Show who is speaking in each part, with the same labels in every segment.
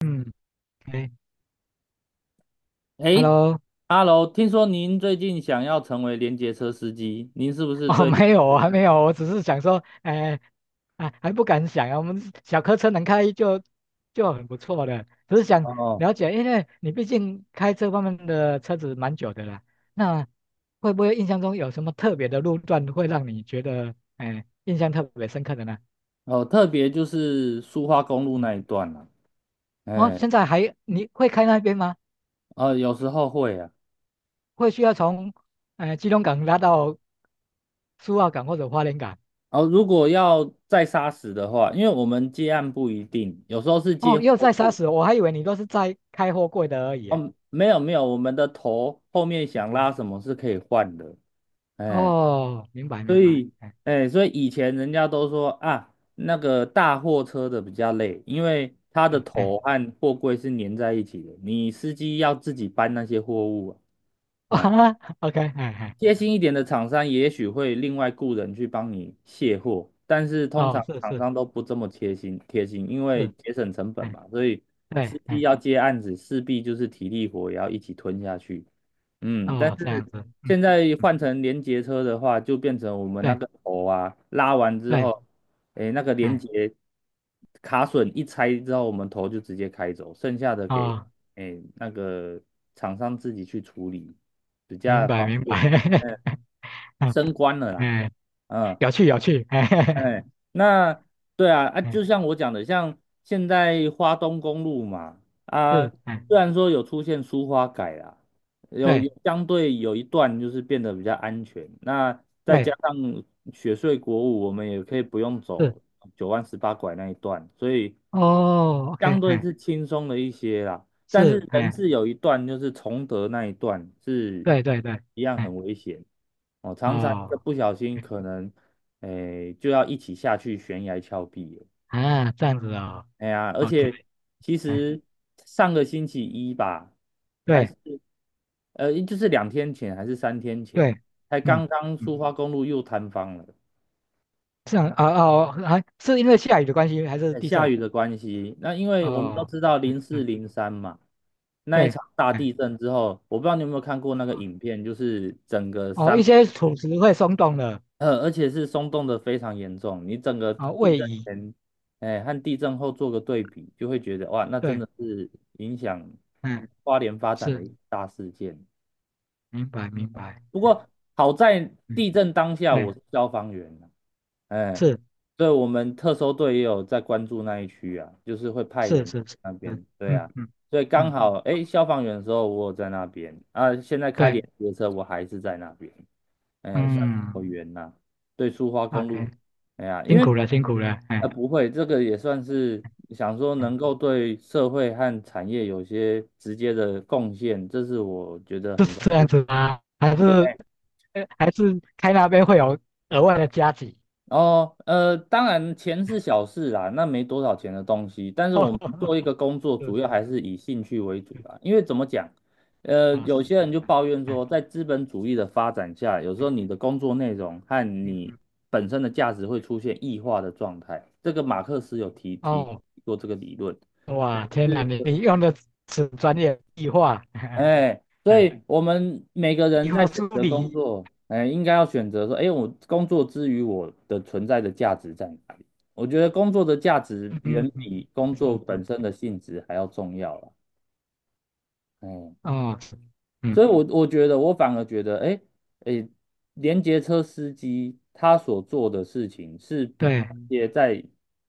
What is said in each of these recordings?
Speaker 1: 嗯，哎
Speaker 2: 哎，
Speaker 1: ，Hello，
Speaker 2: 哈喽，听说您最近想要成为联结车司机，您是不是
Speaker 1: 哦，
Speaker 2: 对联
Speaker 1: 没有
Speaker 2: 结
Speaker 1: 啊，还
Speaker 2: 车？
Speaker 1: 没有，我只是想说，哎，啊，还不敢想啊，我们小客车能开就很不错的，只是想
Speaker 2: 哦
Speaker 1: 了解，因为你毕竟开这方面的车子蛮久的了，那会不会印象中有什么特别的路段会让你觉得，哎，印象特别深刻的呢？
Speaker 2: 哦，特别就是苏花公路
Speaker 1: 嗯，
Speaker 2: 那一段啊？
Speaker 1: 哦，
Speaker 2: 哎，
Speaker 1: 现在你会开那边吗？
Speaker 2: 有时候会啊。
Speaker 1: 会需要从，基隆港拉到苏澳港或者花莲港？
Speaker 2: 哦，如果要再杀死的话，因为我们接案不一定，有时候是接
Speaker 1: 哦，
Speaker 2: 货
Speaker 1: 又在杀
Speaker 2: 物。
Speaker 1: 死我，我还以为你都是在开货柜的而已耶。
Speaker 2: 哦，没有没有，我们的头后面想拉什么是可以换的。哎，
Speaker 1: 哦，明白明
Speaker 2: 所
Speaker 1: 白，
Speaker 2: 以，
Speaker 1: 哎
Speaker 2: 所以以前人家都说啊，那个大货车的比较累，因为它的
Speaker 1: 嗯哎，
Speaker 2: 头和货柜是粘在一起的，你司机要自己搬那些货物 啊。啊，
Speaker 1: 啊，OK，哎哎，
Speaker 2: 贴心一点的厂商也许会另外雇人去帮你卸货，但是通
Speaker 1: 哦，
Speaker 2: 常
Speaker 1: 是
Speaker 2: 厂
Speaker 1: 是
Speaker 2: 商都不这么贴心贴心，因为
Speaker 1: 是，
Speaker 2: 节省成本
Speaker 1: 哎
Speaker 2: 嘛，所以
Speaker 1: 对，
Speaker 2: 司机
Speaker 1: 哎
Speaker 2: 要接案子，势必就是体力活也要一起吞下去。但
Speaker 1: 哦这
Speaker 2: 是
Speaker 1: 样子，嗯
Speaker 2: 现在
Speaker 1: 嗯，
Speaker 2: 换成连结车的话，就变成我们那
Speaker 1: 对
Speaker 2: 个头啊，拉完之
Speaker 1: 对，
Speaker 2: 后，那个连
Speaker 1: 哎
Speaker 2: 结卡榫一拆之后，我们头就直接开走，剩下的给
Speaker 1: 哦，
Speaker 2: 那个厂商自己去处理，比
Speaker 1: 明
Speaker 2: 较
Speaker 1: 白
Speaker 2: 方
Speaker 1: 明
Speaker 2: 便。
Speaker 1: 白，
Speaker 2: 嗯，
Speaker 1: 嗯
Speaker 2: 升官了啦。
Speaker 1: 哎，
Speaker 2: 嗯，
Speaker 1: 有趣有趣，哎哎
Speaker 2: 哎，那对啊，啊，就
Speaker 1: 哎
Speaker 2: 像我讲的，像现在花东公路嘛，啊，
Speaker 1: 是哎
Speaker 2: 虽然说有出现疏花改啦，有
Speaker 1: 对
Speaker 2: 有相对有一段就是变得比较安全，那再加
Speaker 1: 对
Speaker 2: 上雪隧国五，我们也可以不用
Speaker 1: 是，
Speaker 2: 走九弯十八拐那一段，所以
Speaker 1: 哦，OK，
Speaker 2: 相对
Speaker 1: 哎
Speaker 2: 是轻松了一些啦，但是
Speaker 1: 是
Speaker 2: 人
Speaker 1: 哎
Speaker 2: 是有一段就是崇德那一段是
Speaker 1: 对对对，
Speaker 2: 一样
Speaker 1: 哎
Speaker 2: 很危险哦，常常一个
Speaker 1: 哦
Speaker 2: 不小心
Speaker 1: ，OK，
Speaker 2: 可能就要一起下去悬崖峭壁了。
Speaker 1: 啊这样子哦
Speaker 2: 哎呀，而
Speaker 1: ，OK。
Speaker 2: 且其
Speaker 1: 哎
Speaker 2: 实上个星期一吧，还
Speaker 1: 对
Speaker 2: 是就是2天前还是三天
Speaker 1: 对，
Speaker 2: 前，才
Speaker 1: 嗯
Speaker 2: 刚刚苏
Speaker 1: 嗯，
Speaker 2: 花公路又坍方了。
Speaker 1: 这样啊哦，哦还是因为下雨的关系，还是地
Speaker 2: 下
Speaker 1: 震？
Speaker 2: 雨的关系，那因为我们都
Speaker 1: 哦，
Speaker 2: 知道零四
Speaker 1: 对
Speaker 2: 零三嘛，那一
Speaker 1: 对，
Speaker 2: 场大
Speaker 1: 哎，
Speaker 2: 地震之后，我不知道你有没有看过那个影片，就是整个
Speaker 1: 哦，
Speaker 2: 山，
Speaker 1: 一些土石会松动的，
Speaker 2: 而且是松动的非常严重。你整个
Speaker 1: 啊、哦
Speaker 2: 地
Speaker 1: 位
Speaker 2: 震
Speaker 1: 移，
Speaker 2: 前，哎，和地震后做个对比，就会觉得哇，那真
Speaker 1: 对，
Speaker 2: 的是影响
Speaker 1: 嗯，
Speaker 2: 花莲发展的
Speaker 1: 是，
Speaker 2: 一大事件。
Speaker 1: 明白明白，
Speaker 2: 不
Speaker 1: 哎
Speaker 2: 过好在
Speaker 1: 嗯，
Speaker 2: 地震当下
Speaker 1: 对，
Speaker 2: 我是消防员啊，哎，
Speaker 1: 是
Speaker 2: 对我们特搜队也有在关注那一区啊，就是会派
Speaker 1: 是
Speaker 2: 人去
Speaker 1: 是是，
Speaker 2: 那
Speaker 1: 是
Speaker 2: 边，对啊，
Speaker 1: 嗯嗯
Speaker 2: 所以刚
Speaker 1: 嗯，
Speaker 2: 好哎，消防员的时候我有在那边啊，现在开联
Speaker 1: 对，
Speaker 2: 结车我还是在那边，哎，算是
Speaker 1: 嗯
Speaker 2: 有缘呐。对，苏花公路，
Speaker 1: ，OK，
Speaker 2: 哎呀，因
Speaker 1: 辛苦
Speaker 2: 为
Speaker 1: 了辛苦了，哎，
Speaker 2: 不会，这个也算是想说能
Speaker 1: 哎
Speaker 2: 够对社会和产业有些直接的贡献，这是我觉得
Speaker 1: 是
Speaker 2: 很。
Speaker 1: 这样子吗？还是还是开那边会有额外的加急？
Speaker 2: 哦，当然钱是小事啦，那没多少钱的东西。但是我们做一 个工作，
Speaker 1: 是
Speaker 2: 主
Speaker 1: 是。
Speaker 2: 要
Speaker 1: 嗯
Speaker 2: 还是以兴趣为主啦。因为怎么讲，
Speaker 1: 啊，是
Speaker 2: 有些
Speaker 1: 是
Speaker 2: 人就
Speaker 1: 的，
Speaker 2: 抱怨
Speaker 1: 哎
Speaker 2: 说，在资本主义的发展下，有时候
Speaker 1: 哎
Speaker 2: 你的工作内容和
Speaker 1: 嗯
Speaker 2: 你
Speaker 1: 嗯，
Speaker 2: 本身的价值会出现异化的状态。这个马克思有提
Speaker 1: 哦，
Speaker 2: 过这个理论，
Speaker 1: 哇，
Speaker 2: 就
Speaker 1: 天哪，
Speaker 2: 是
Speaker 1: 你用的词专业，异化，哎
Speaker 2: 哎，所
Speaker 1: 哎，
Speaker 2: 以我们每个人
Speaker 1: 异
Speaker 2: 在
Speaker 1: 化
Speaker 2: 选
Speaker 1: 梳
Speaker 2: 择工
Speaker 1: 理，
Speaker 2: 作，哎，应该要选择说，哎，我工作之余我的存在的价值在哪里？我觉得工作的价值
Speaker 1: 嗯嗯
Speaker 2: 远
Speaker 1: 嗯，
Speaker 2: 比工
Speaker 1: 没错
Speaker 2: 作
Speaker 1: 没
Speaker 2: 本
Speaker 1: 错，
Speaker 2: 身的性质还要重要了。哎，
Speaker 1: 哦，是
Speaker 2: 所
Speaker 1: 嗯，
Speaker 2: 以我觉得，我反而觉得，哎哎，连接车司机他所做的事情是比
Speaker 1: 对
Speaker 2: 也在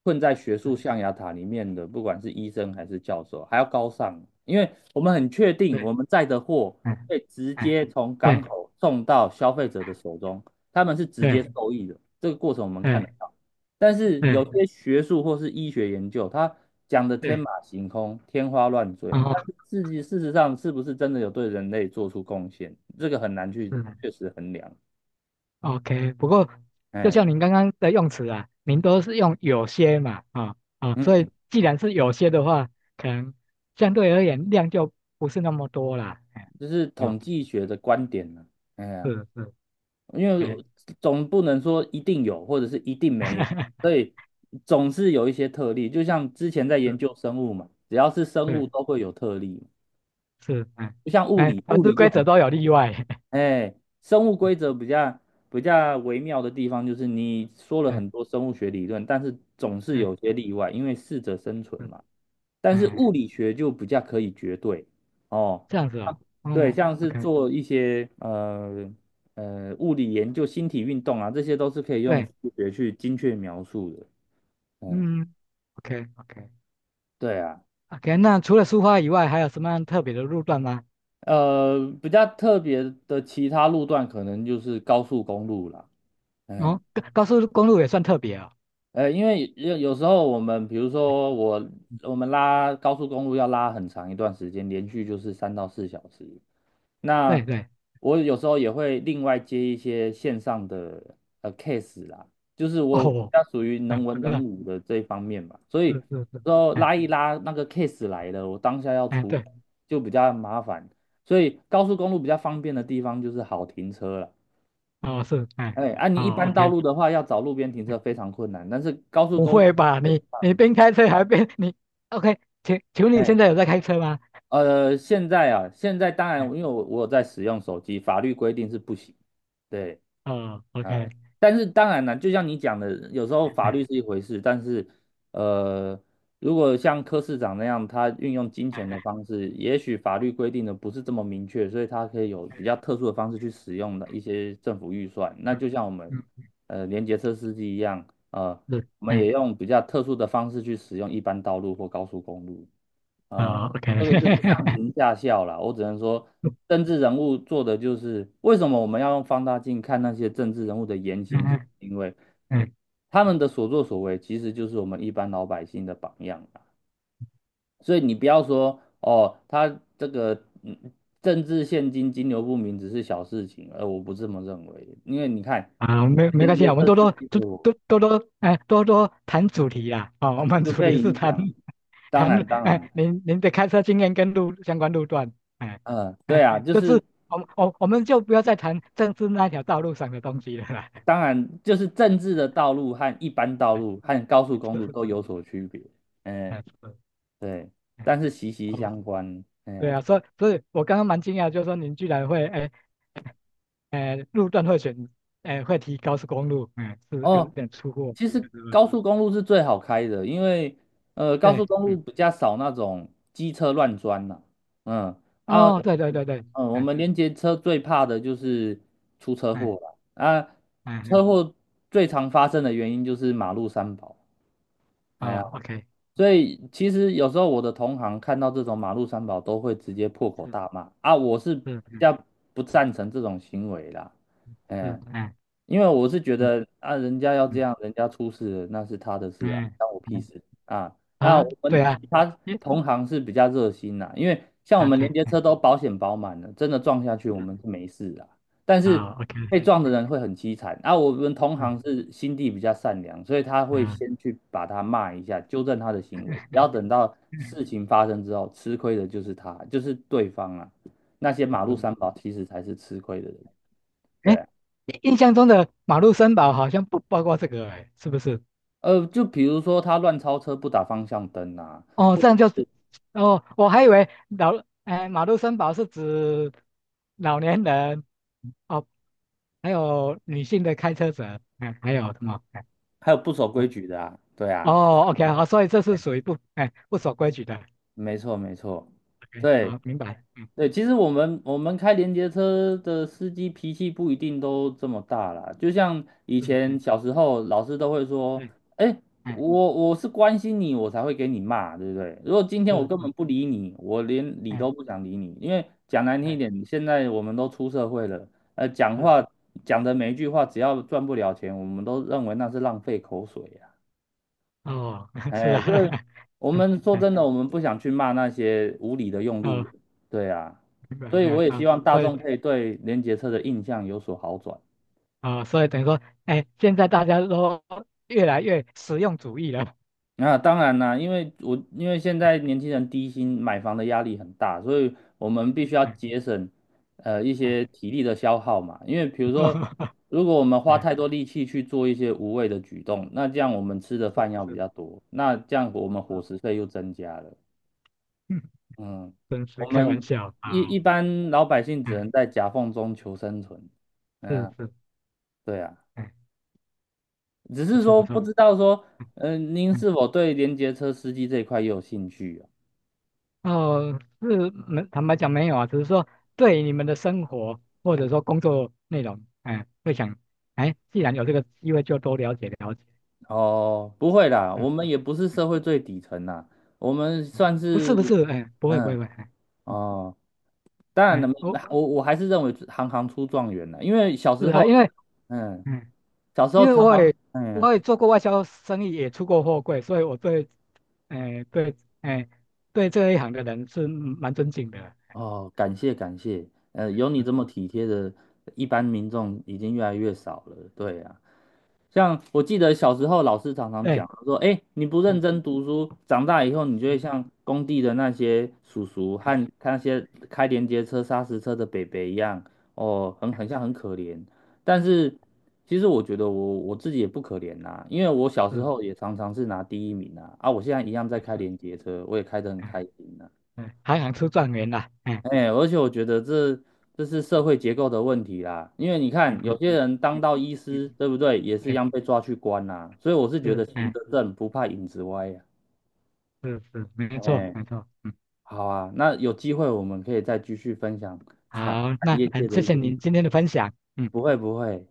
Speaker 2: 困在学术象牙塔里面的，不管是医生还是教授，还要高尚，因为我们很确定
Speaker 1: 对，
Speaker 2: 我们载的货
Speaker 1: 哎
Speaker 2: 会直
Speaker 1: 哎，
Speaker 2: 接从港
Speaker 1: 对
Speaker 2: 口送到消费者的手中，他们是直接
Speaker 1: 对
Speaker 2: 受益的，这个过程我们看得
Speaker 1: 对
Speaker 2: 到。但是有
Speaker 1: 对
Speaker 2: 些学术或是医学研究，它讲的天
Speaker 1: 对，
Speaker 2: 马行空、天花乱坠，
Speaker 1: 哦，
Speaker 2: 但是事实上是不是真的有对人类做出贡献，这个很难去
Speaker 1: 是
Speaker 2: 确实衡量。
Speaker 1: o k 不过就
Speaker 2: 哎，
Speaker 1: 像您刚刚的用词啊，您都是用有些嘛，啊、啊、所以
Speaker 2: 嗯，
Speaker 1: 既然是有些的话，可能相对而言量就不是那么多啦。哎
Speaker 2: 这是
Speaker 1: 哦
Speaker 2: 统计学的观点呢。哎呀，
Speaker 1: 是是，
Speaker 2: 因为
Speaker 1: 对，
Speaker 2: 总不能说一定有，或者是一定没有，所 以总是有一些特例。就像之前在研究
Speaker 1: 是
Speaker 2: 生物嘛，只要是生
Speaker 1: 是
Speaker 2: 物都会有特例，
Speaker 1: 是，哎
Speaker 2: 不像物
Speaker 1: 哎，
Speaker 2: 理，
Speaker 1: 凡
Speaker 2: 物
Speaker 1: 是
Speaker 2: 理就
Speaker 1: 规则
Speaker 2: 很
Speaker 1: 都有例外，
Speaker 2: 哎，生物规则比较微妙的地方就是，你说了
Speaker 1: 哎
Speaker 2: 很多生物学理论，但是总是有
Speaker 1: 哎
Speaker 2: 些例外，因为适者生存
Speaker 1: 是
Speaker 2: 嘛。但是
Speaker 1: 哎，
Speaker 2: 物理学就比较可以绝对哦，
Speaker 1: 这样子哦，
Speaker 2: 对，
Speaker 1: 嗯
Speaker 2: 像是
Speaker 1: ，OK，
Speaker 2: 做一些物理研究、星体运动啊，这些都是可以用
Speaker 1: 对，
Speaker 2: 数学去精确描述的。嗯，
Speaker 1: 嗯，OK OK
Speaker 2: 对啊，
Speaker 1: OK，那除了苏花以外，还有什么样特别的路段吗？
Speaker 2: 比较特别的其他路段可能就是高速公路啦。哎
Speaker 1: 哦，高速公路也算特别哦，
Speaker 2: 呃，因为有时候我们，比如说我
Speaker 1: 嗯
Speaker 2: 我们拉高速公路要拉很长一段时间，连续就是3到4小时。
Speaker 1: 对
Speaker 2: 那
Speaker 1: 对，
Speaker 2: 我有时候也会另外接一些线上的case 啦，就是我比
Speaker 1: 哦，
Speaker 2: 较属于能
Speaker 1: 嗯，
Speaker 2: 文
Speaker 1: 是
Speaker 2: 能
Speaker 1: 啊
Speaker 2: 武的这一方面嘛，所
Speaker 1: 是
Speaker 2: 以
Speaker 1: 是是，
Speaker 2: 之
Speaker 1: 哎
Speaker 2: 拉一拉那个 case 来了，我当下要
Speaker 1: 哎，
Speaker 2: 处理
Speaker 1: 对，
Speaker 2: 就比较麻烦。所以高速公路比较方便的地方就是好停车了。
Speaker 1: 哦是，哎，
Speaker 2: 哎，啊，你一
Speaker 1: 哦
Speaker 2: 般道
Speaker 1: ，OK，
Speaker 2: 路的话，要找路边停车非常困难，但是高速
Speaker 1: 不
Speaker 2: 公路。
Speaker 1: 会吧？你边开车还边你，OK，请问你
Speaker 2: 哎，
Speaker 1: 现在有在开车吗？
Speaker 2: 现在啊，现在当然，
Speaker 1: 嗯
Speaker 2: 因为我有在使用手机，法律规定是不行。对，
Speaker 1: 哦，OK，
Speaker 2: 呃，但是当然了，就像你讲的，有时候法律是
Speaker 1: 哎
Speaker 2: 一回事，但是，呃，如果像柯市长那样，他运用金钱的方式，也许法律规定的不是这么明确，所以他可以有比较特殊的方式去使用的一些政府预算。那
Speaker 1: 嗯
Speaker 2: 就像我们，
Speaker 1: 嗯
Speaker 2: 联结车司机一样，呃，
Speaker 1: 是
Speaker 2: 我们也
Speaker 1: 哎
Speaker 2: 用比较特殊的方式去使用一般道路或高速公路。呃，
Speaker 1: 哦 OK
Speaker 2: 这个就是上行下效啦。我只能说，政治人物做的就是为什么我们要用放大镜看那些政治人物的言行，就是
Speaker 1: 嗯
Speaker 2: 因为
Speaker 1: 嗯
Speaker 2: 他们的所作所为其实就是我们一般老百姓的榜样啦。所以你不要说哦，他这个政治现金流不明只是小事情，我不这么认为，因为你看
Speaker 1: 啊没没
Speaker 2: 连
Speaker 1: 关系
Speaker 2: 接
Speaker 1: 啊，我们
Speaker 2: 这
Speaker 1: 多多
Speaker 2: 司机
Speaker 1: 多
Speaker 2: 的我
Speaker 1: 多多多哎多多谈主题啦哦，我们
Speaker 2: 就
Speaker 1: 主
Speaker 2: 被
Speaker 1: 题是
Speaker 2: 影
Speaker 1: 谈
Speaker 2: 响，当
Speaker 1: 谈
Speaker 2: 然当然，
Speaker 1: 哎您您的开车经验跟路相关路段哎
Speaker 2: 嗯、对
Speaker 1: 哎
Speaker 2: 啊，就
Speaker 1: 就是
Speaker 2: 是。
Speaker 1: 我们就不要再谈政治那条道路上的东西了啦。
Speaker 2: 当然，就是政治的道路和一般道
Speaker 1: 哎
Speaker 2: 路和高速
Speaker 1: 是
Speaker 2: 公路
Speaker 1: 是
Speaker 2: 都
Speaker 1: 是
Speaker 2: 有所区别，嗯，
Speaker 1: 哎是
Speaker 2: 对，
Speaker 1: 哎
Speaker 2: 但是息息
Speaker 1: 哦
Speaker 2: 相关。哎
Speaker 1: 对啊，
Speaker 2: 呀，
Speaker 1: 所以所以我刚刚蛮惊讶，就是说您居然会哎。路段会选，会提高速公路，嗯，是有
Speaker 2: 哦，
Speaker 1: 点出乎我
Speaker 2: 其
Speaker 1: 意
Speaker 2: 实
Speaker 1: 料之外。
Speaker 2: 高速公路是最好开的，因为高
Speaker 1: 对，
Speaker 2: 速公路
Speaker 1: 嗯，
Speaker 2: 比较少那种机车乱钻呐。嗯啊，
Speaker 1: 哦，对对对对，
Speaker 2: 我
Speaker 1: 嗯
Speaker 2: 们连接车最怕的就是出车祸
Speaker 1: 嗯
Speaker 2: 了啊，
Speaker 1: 嗯
Speaker 2: 车
Speaker 1: 嗯，
Speaker 2: 祸最常发生的原因就是马路三宝。哎呀。
Speaker 1: 哦，OK，
Speaker 2: 所以其实有时候我的同行看到这种马路三宝都会直接破口
Speaker 1: 是
Speaker 2: 大骂啊，我是
Speaker 1: 是
Speaker 2: 比
Speaker 1: 嗯
Speaker 2: 较不赞成这种行为啦，
Speaker 1: 是，
Speaker 2: 嗯，
Speaker 1: 嗯
Speaker 2: 因为我是觉
Speaker 1: 嗯
Speaker 2: 得啊，人家要这
Speaker 1: 嗯
Speaker 2: 样，人家出事了那是他的事啊，
Speaker 1: 嗯
Speaker 2: 关我屁
Speaker 1: 嗯
Speaker 2: 事啊。那
Speaker 1: 啊，
Speaker 2: 我们
Speaker 1: 对啊，
Speaker 2: 其他
Speaker 1: 耶
Speaker 2: 同行是比较热心啦，因为像我们连
Speaker 1: ，OK，
Speaker 2: 接车
Speaker 1: 嗯
Speaker 2: 都保险保满了，真的撞下去我
Speaker 1: 是，
Speaker 2: 们是没事啊。但是
Speaker 1: 哦，OK，
Speaker 2: 被撞的人会很凄惨。啊，我们同
Speaker 1: 嗯
Speaker 2: 行是心地比较善良，所以他会
Speaker 1: 嗯，
Speaker 2: 先去把他骂一下，纠正他的行为，不要等到
Speaker 1: 嗯，
Speaker 2: 事情发生之后，吃亏的就是他，就是对方啊。那些马
Speaker 1: 可
Speaker 2: 路
Speaker 1: 能
Speaker 2: 三 宝其实才是吃亏的人。对
Speaker 1: 哎，
Speaker 2: 啊。
Speaker 1: 印象中的马路森保好像不包括这个，哎，是不是？
Speaker 2: 就比如说他乱超车不打方向灯啊，
Speaker 1: 哦，
Speaker 2: 或者
Speaker 1: 这样就是，哦，我还以为老，哎，马路三宝是指老年人，哦，还有女性的开车者，哎，还有什么？哎，
Speaker 2: 还有不守规
Speaker 1: 哦
Speaker 2: 矩的啊，对
Speaker 1: 哦
Speaker 2: 啊，就是
Speaker 1: ，OK，
Speaker 2: 很
Speaker 1: 好，
Speaker 2: 好，
Speaker 1: 所以这是属于不，哎，不守规矩的
Speaker 2: 没错没错。
Speaker 1: ，OK，
Speaker 2: 对
Speaker 1: 好，明白，嗯
Speaker 2: 对，其实我们开连接车的司机脾气不一定都这么大啦，就像以
Speaker 1: 嗯
Speaker 2: 前
Speaker 1: 嗯，
Speaker 2: 小时候老师都会说，
Speaker 1: 对，
Speaker 2: 哎，
Speaker 1: 哎，
Speaker 2: 我是关心你，我才会给你骂，对不对？如果今天
Speaker 1: 是
Speaker 2: 我
Speaker 1: 哎
Speaker 2: 根本
Speaker 1: 是，
Speaker 2: 不理你，我连理都
Speaker 1: 哎
Speaker 2: 不想理你，因为讲难听一
Speaker 1: 哎
Speaker 2: 点，现在我们都出社会了，讲
Speaker 1: 是，
Speaker 2: 话讲的每一句话，只要赚不了钱，我们都认为那是浪费口水啊。
Speaker 1: 哦，是
Speaker 2: 哎，
Speaker 1: 啊，
Speaker 2: 我们说
Speaker 1: 哎
Speaker 2: 真的，我们不想去骂那些无理的用路
Speaker 1: 哦，
Speaker 2: 人，对啊，
Speaker 1: 明白
Speaker 2: 所
Speaker 1: 明
Speaker 2: 以我
Speaker 1: 白
Speaker 2: 也希
Speaker 1: 啊，
Speaker 2: 望大
Speaker 1: 所以
Speaker 2: 众可以对联结车的印象有所好转。
Speaker 1: 啊、所以等于说，哎，现在大家都越来越实用主义了，
Speaker 2: 那、当然啦，因为现在年轻人低薪买房的压力很大，所以我们必须要
Speaker 1: 哎
Speaker 2: 节省一
Speaker 1: 哎。
Speaker 2: 些体力的消耗嘛。因为比如
Speaker 1: 哈
Speaker 2: 说，
Speaker 1: 哈哈，
Speaker 2: 如果我们花
Speaker 1: 哎，
Speaker 2: 太多力气去做一些无谓的举动，那这样我们吃的饭
Speaker 1: 是
Speaker 2: 要比
Speaker 1: 是，
Speaker 2: 较多，那这样我们伙食费又增加了。
Speaker 1: 嗯，
Speaker 2: 嗯，
Speaker 1: 真是
Speaker 2: 我
Speaker 1: 开玩
Speaker 2: 们
Speaker 1: 笑
Speaker 2: 一
Speaker 1: 啊，
Speaker 2: 一般老百姓只
Speaker 1: 哎，
Speaker 2: 能在夹缝中求生存。嗯
Speaker 1: 是
Speaker 2: 啊，
Speaker 1: 是，
Speaker 2: 对啊，
Speaker 1: 哎，
Speaker 2: 只
Speaker 1: 不
Speaker 2: 是
Speaker 1: 错
Speaker 2: 说
Speaker 1: 不
Speaker 2: 不
Speaker 1: 错，
Speaker 2: 知道说，
Speaker 1: 嗯，
Speaker 2: 您
Speaker 1: 嗯，
Speaker 2: 是否对联结车司机这一块也有兴趣啊？
Speaker 1: 哦，是没，坦白讲没有啊，只是说对你们的生活或者说工作内容，哎，会想，哎，既然有这个机会，就多了解了解，
Speaker 2: 哦，不会啦，
Speaker 1: 嗯
Speaker 2: 我们也不是
Speaker 1: 嗯
Speaker 2: 社会最底层啦，我们
Speaker 1: 嗯，
Speaker 2: 算
Speaker 1: 不是
Speaker 2: 是，
Speaker 1: 不是，哎，不会不会
Speaker 2: 嗯，
Speaker 1: 不会，哎，嗯
Speaker 2: 哦，当然
Speaker 1: 哎，
Speaker 2: 了，
Speaker 1: 我
Speaker 2: 我还是认为行行出状元啦，因为小
Speaker 1: 是
Speaker 2: 时
Speaker 1: 啊，
Speaker 2: 候，
Speaker 1: 因为，
Speaker 2: 嗯，
Speaker 1: 嗯，
Speaker 2: 小时候
Speaker 1: 因为
Speaker 2: 常
Speaker 1: 我
Speaker 2: 常，
Speaker 1: 也
Speaker 2: 嗯，
Speaker 1: 我也做过外销生意，也出过货柜，所以我对哎，对，哎，对这一行的人是蛮尊敬的，
Speaker 2: 哦，感谢感谢，有你
Speaker 1: 嗯
Speaker 2: 这么体贴的，一般民众已经越来越少了。对啊，像我记得小时候老师常常
Speaker 1: 对，
Speaker 2: 讲说，哎，你不认
Speaker 1: 嗯
Speaker 2: 真读书，长大以后你就
Speaker 1: 嗯，
Speaker 2: 会像工地的那些叔叔
Speaker 1: 哎，
Speaker 2: 和那些开连接车、砂石车的北北一样，哦，很像很可怜。但是其实我觉得我自己也不可怜呐。因为我小时
Speaker 1: 是，
Speaker 2: 候也常常是拿第一名啊，啊，我现在一样在
Speaker 1: 哎
Speaker 2: 开
Speaker 1: 是，
Speaker 2: 连接车，我也开得很
Speaker 1: 哎，
Speaker 2: 开心啊。
Speaker 1: 哎，还想出状元啦，哎，
Speaker 2: 哎，而且我觉得这是社会结构的问题啦，因为你
Speaker 1: 嗯
Speaker 2: 看有
Speaker 1: 嗯
Speaker 2: 些人当
Speaker 1: 嗯
Speaker 2: 到医师，
Speaker 1: 嗯，
Speaker 2: 对不对，也是一
Speaker 1: 对，
Speaker 2: 样被抓去关啦，所以我是觉
Speaker 1: 是，
Speaker 2: 得行
Speaker 1: 哎，
Speaker 2: 得正不怕影子歪呀。
Speaker 1: 是是，没错
Speaker 2: 哎，
Speaker 1: 没错，嗯，
Speaker 2: 好啊，那有机会我们可以再继续分享产
Speaker 1: 好，
Speaker 2: 产
Speaker 1: 那
Speaker 2: 业界
Speaker 1: 很
Speaker 2: 的
Speaker 1: 谢
Speaker 2: 一
Speaker 1: 谢
Speaker 2: 些，
Speaker 1: 您今天的分享，嗯。
Speaker 2: 不会不会，